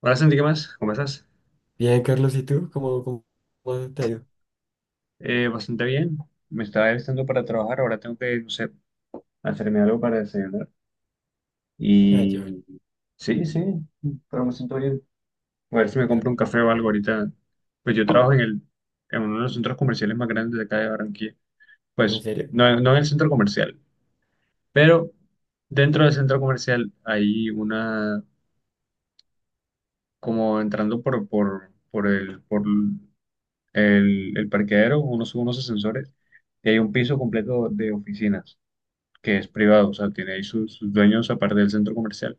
Hola Santi, ¿qué más? ¿Cómo estás? Bien, Carlos, ¿y tú? ¿Cómo te ha ido? Bastante bien. Me estaba alistando para trabajar, ahora tengo que, no sé, hacerme algo para desayunar. Ah, yo, Y sí, sí, pero me siento bien. A ver si me compro un Gracias. café o algo ahorita. Pues yo trabajo en uno de los centros comerciales más grandes de acá de Barranquilla. ¿En Pues serio? no, no en el centro comercial, pero dentro del centro comercial hay una, como entrando por el parqueadero, unos ascensores, y hay un piso completo de oficinas, que es privado, o sea, tiene ahí sus dueños aparte del centro comercial.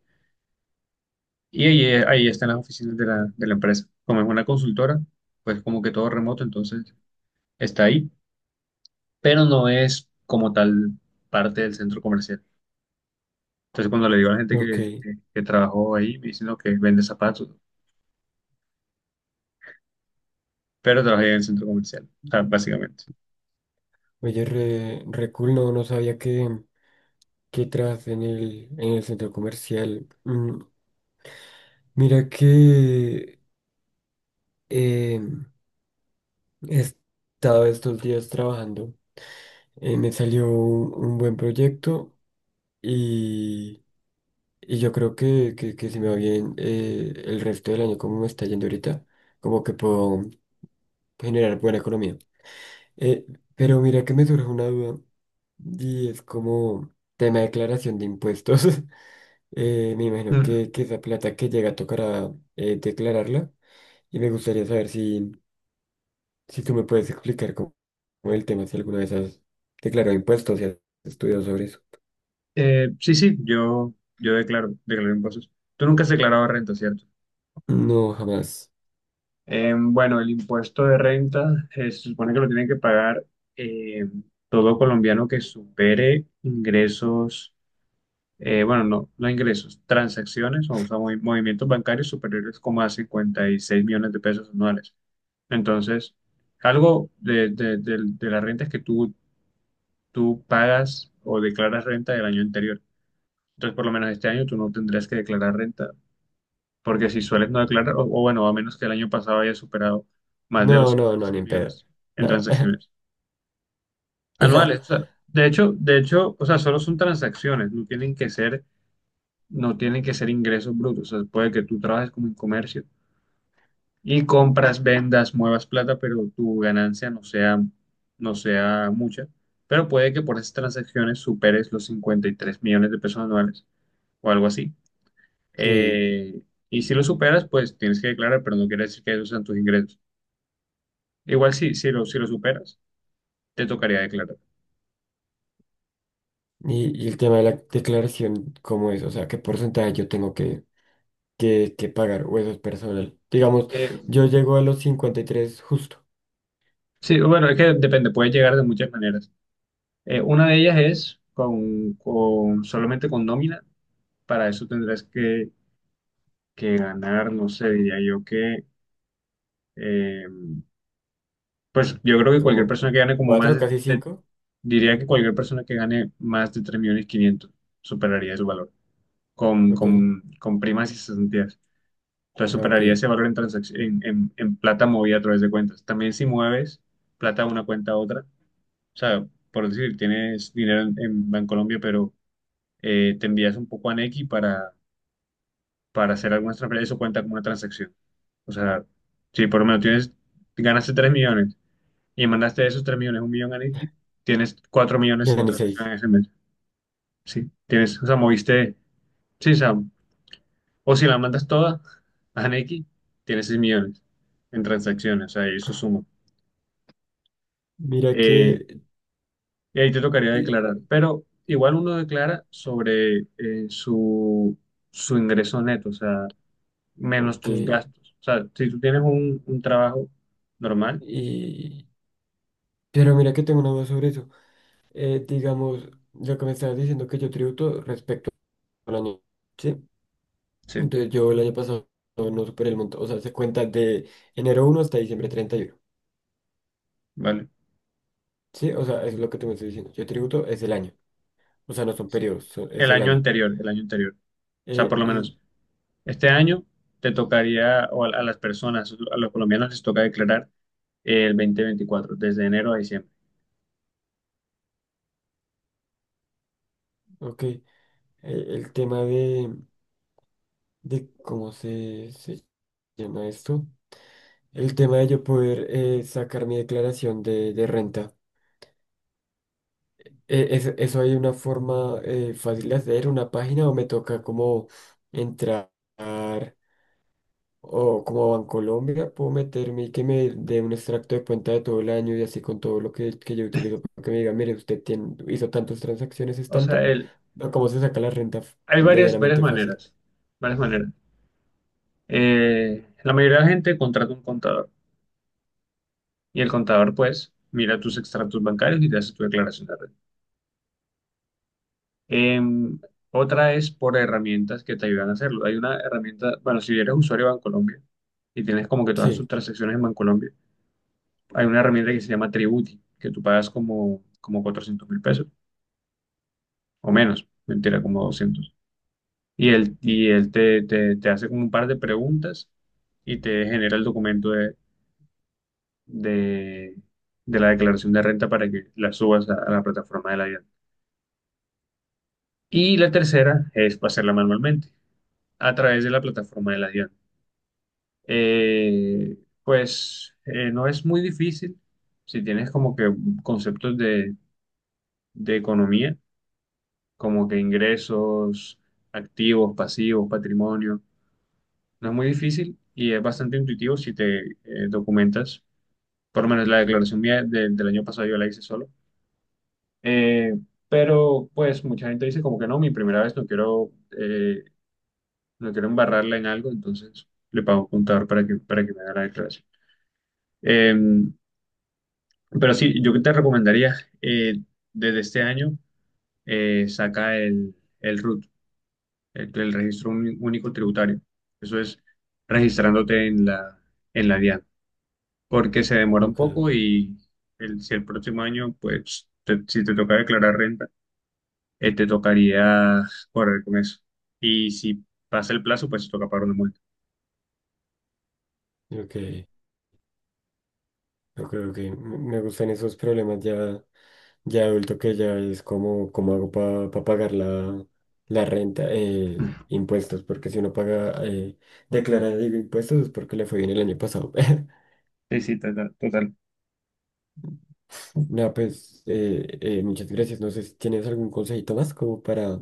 Y ahí están las Ok. oficinas de la empresa. Como es una consultora, pues como que todo remoto, entonces está ahí, pero no es como tal parte del centro comercial. Entonces cuando le digo a la gente Ok. Que trabajó ahí, me dicen "No, que vende zapatos", pero trabajé en el centro comercial, o sea, básicamente. Oye, re cool, no sabía que tras en el centro comercial. Mira que eh, he estado estos días trabajando. Me salió un buen proyecto y, y yo creo que si me va bien, el resto del año, como me está yendo ahorita, como que puedo generar buena economía. Eh, pero mira que me surge una duda y es como tema de declaración de impuestos. Me imagino que esa plata que llega tocará declararla, y me gustaría saber si tú me puedes explicar cómo, cómo el tema, si alguna vez has declarado impuestos y has estudiado sobre eso. Sí, sí, yo declaro impuestos. Tú nunca has declarado renta, ¿cierto? No, jamás. Bueno, el impuesto de renta se supone que lo tiene que pagar eh, todo colombiano que supere ingresos, bueno, no ingresos, transacciones, o sea, movimientos bancarios superiores como a 56 millones de pesos anuales. Entonces, algo de la renta es que tú pagas o declaras renta del año anterior. Entonces, por lo menos este año tú no tendrás que declarar renta porque si sueles no declarar, o bueno, a menos que el año pasado haya superado más de los No, no, cincuenta y no, ni seis en pedo. millones en Nada. transacciones O sea, anuales. O sea, de hecho, o sea, solo son transacciones, no tienen que ser ingresos brutos. O sea, puede que tú trabajes como en comercio y compras, vendas, muevas plata, pero tu ganancia no sea mucha. Pero puede que por esas transacciones superes los 53 millones de pesos anuales o algo así. sí. Eh, y si lo superas, pues tienes que declarar, pero no quiere decir que esos sean tus ingresos. Igual si lo superas, te tocaría declarar. Y el tema de la declaración, ¿cómo es? O sea, ¿qué porcentaje yo tengo que... que pagar, o eso es personal? Digamos, Eh, yo llego a los 53 justo, sí, bueno, es que depende, puede llegar de muchas maneras. Una de ellas es solamente con nómina. Para eso tendrás que ganar, no sé, diría yo que, eh, pues yo creo que cualquier como persona que gane como más cuatro, casi cinco. diría que cualquier persona que gane más de 3.500.000 superaría su valor, Ok, con primas y cesantías. Entonces ah, ok. superaría ese valor en, en plata movida a través de cuentas. También si mueves plata de una cuenta a otra, o sea, por decir, tienes dinero en Bancolombia, pero te envías un poco a Nequi para hacer algunas transferencias, eso cuenta como una transacción. O sea, si por lo menos tienes, ganaste 3 millones y mandaste de esos 3 millones, 1 millón a Nequi, tienes 4 millones Ya en ni 6. transacciones ese mes. Sí, tienes, o sea, moviste, sí, o sea, o si la mandas toda a Nequi, tienes 6 millones en transacciones, o sea, y eso suma. Mira Eh, que, y ahí te tocaría eh, declarar. Pero igual uno declara sobre su, su ingreso neto, o sea, menos ok, tus gastos. O sea, si tú tienes un trabajo normal, y... Pero mira que tengo una duda sobre eso. Digamos, lo que me estabas diciendo, que yo tributo respecto al año, ¿sí? sí, Entonces yo el año pasado no superé el monto, o sea, se cuenta de enero uno hasta diciembre treinta y uno, vale. ¿sí? O sea, eso es lo que tú me estás diciendo. Yo tributo es el año, o sea, no son Sí. periodos, son- es el año. El año anterior. O sea, Eh, por lo y, menos este año te tocaría, o a las personas, a los colombianos les toca declarar el 2024 desde enero a diciembre. ok, el tema de cómo se llama esto, el tema de yo poder, sacar mi declaración de renta. ¿Eso, eso hay una forma, fácil de hacer, una página, o me toca como entrar, o como Bancolombia, puedo meterme y que me dé un extracto de cuenta de todo el año, y así con todo lo que yo utilizo, para que me diga, mire, usted tiene, hizo tantas transacciones, es O sea, tanto, o cómo se saca la renta hay varias medianamente fácil? maneras, varias maneras. La mayoría de la gente contrata un contador. Y el contador, pues, mira tus extractos bancarios y te hace tu declaración de renta. Em, otra es por herramientas que te ayudan a hacerlo. Hay una herramienta, bueno, si eres usuario de Bancolombia y tienes como que todas tus Sí. transacciones en Bancolombia, hay una herramienta que se llama Tributi, que tú pagas como, como $400.000 o menos, mentira, como doscientos. Y él te, te hace como un par de preguntas y te genera el documento de, de la declaración de renta para que la subas a la plataforma de la IA. Y la tercera es pasarla manualmente a través de la plataforma de la DIAN. Pues no es muy difícil si tienes como que conceptos de economía, como que ingresos, activos, pasivos, patrimonio. No es muy difícil y es bastante intuitivo si te documentas. Por lo menos la declaración mía del año pasado yo la hice solo. Eh, pero pues mucha gente dice como que no, mi primera vez no quiero eh, no quiero embarrarla en algo, entonces le pago un contador para para que me haga la declaración. Eh, pero sí, yo te recomendaría eh, desde este año saca el RUT, el Registro Único Tributario. Eso es registrándote en en la DIAN, porque se demora un Ok, poco y si el próximo año, pues si te toca declarar renta, te tocaría correr con eso. Y si pasa el plazo, pues te toca pagar una multa. ok, ok, ok. Me gustan esos problemas ya, ya adulto, que ya es como, cómo hago para pagar la renta, impuestos, porque si uno paga, declara, digo, impuestos, es porque le fue bien el año pasado. Sí, sí, total. Total. No, pues muchas gracias. No sé si tienes algún consejito más como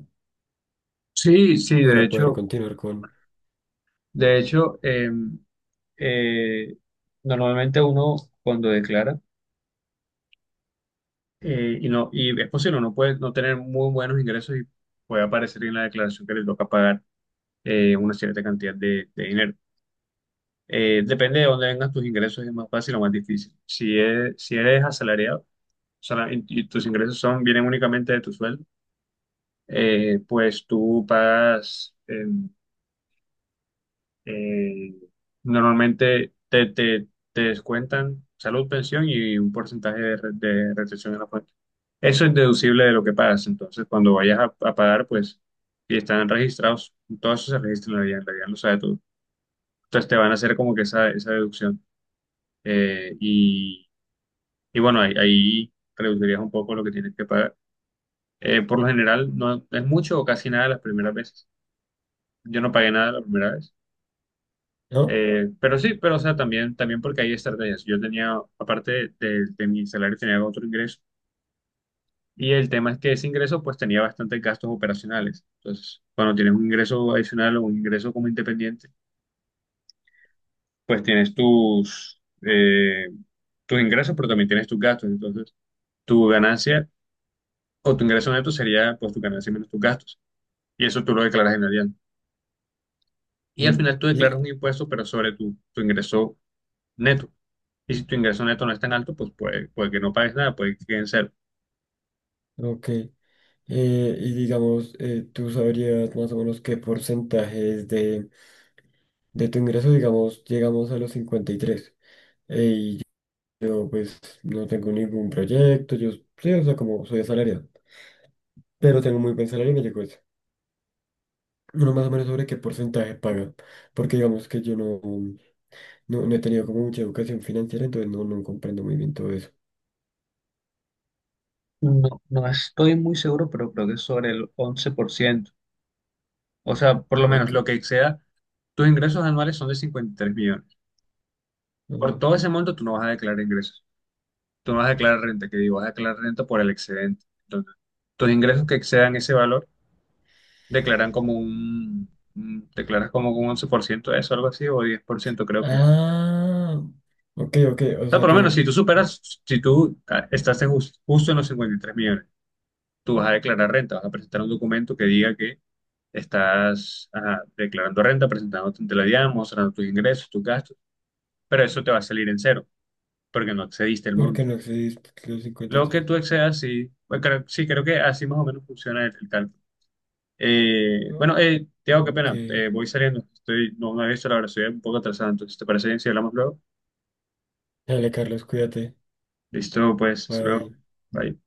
Sí, sí, para poder continuar con, de hecho, em, eh, normalmente uno cuando declara y es posible no puede no tener muy buenos ingresos y puede aparecer en la declaración que le toca pagar una cierta cantidad de dinero. Depende de dónde vengan tus ingresos, es más fácil o más difícil. Si es, si eres asalariado, o sea, y tus ingresos son vienen únicamente de tu sueldo, pues tú pagas. Em, eh, normalmente te descuentan salud, pensión y un porcentaje de, de retención en la fuente. Eso es deducible de lo que pagas. Entonces, cuando vayas a pagar, pues, si están registrados, todo eso se registra en la guía lo sabe todo. Entonces, te van a hacer como que esa deducción. Eh, y, y bueno, ahí reducirías un poco lo que tienes que pagar. Por lo general, no es mucho o casi nada las primeras veces. Yo no pagué nada la primera vez. ¿no? Pero sí, pero o sea, también, también porque hay estrategias. Yo tenía, aparte de mi salario, tenía otro ingreso. Y el tema es que ese ingreso, pues tenía bastantes gastos operacionales. Entonces, cuando tienes un ingreso adicional o un ingreso como independiente, pues tienes tus, tus ingresos, pero también tienes tus gastos. Entonces, tu ganancia o tu ingreso neto sería, pues, tu ganancia menos tus gastos. Y eso tú lo declaras en Hacienda. Y al Mm. final tú declaras Y, un impuesto, pero sobre tu ingreso neto. Y si tu ingreso neto no es tan alto, pues puede, puede que no pagues nada, puede que quede en cero. ok. Y digamos, ¿tú sabrías más o menos qué porcentaje es de tu ingreso? Digamos, llegamos a los 53, y yo, pues, no tengo ningún proyecto. Yo, sí, o sea, como soy asalariado, pero tengo muy buen salario y me llegó eso. Uno más o menos sobre qué porcentaje paga. Porque digamos que yo no, no, no he tenido como mucha educación financiera, entonces no, no comprendo muy bien todo eso. No, no estoy muy seguro, pero creo que es sobre el 11%. O sea, por lo menos Ok. lo que exceda, tus ingresos anuales son de 53 millones. Por Ajá. todo ese monto, tú no vas a declarar ingresos. Tú no vas a declarar renta, que digo, vas a declarar renta por el excedente. Entonces, tus ingresos que excedan ese valor, declaran como declaras como un 11% de eso, algo así, o 10% creo que es. Ah, ok, ok. O O sea, sea, por lo yo, menos, si tú superas, si tú ah, estás en justo en los 53 millones, tú vas a declarar renta, vas a presentar un documento que diga que estás ajá, declarando renta, presentándote ante la DIAN, mostrando tus ingresos, tus gastos, pero eso te va a salir en cero, porque no excediste el porque monto. no accedí a los Lo que 53. tú excedas, sí, bueno, sí, creo que así más o menos funciona el cálculo. Bueno, Ah, Tiago, qué ok. pena, voy saliendo, estoy, no, no he visto la hora, estoy un poco atrasado, entonces, ¿te parece bien si hablamos luego? Dale, Carlos, cuídate. Listo, pues, hasta luego. Bye. Bye.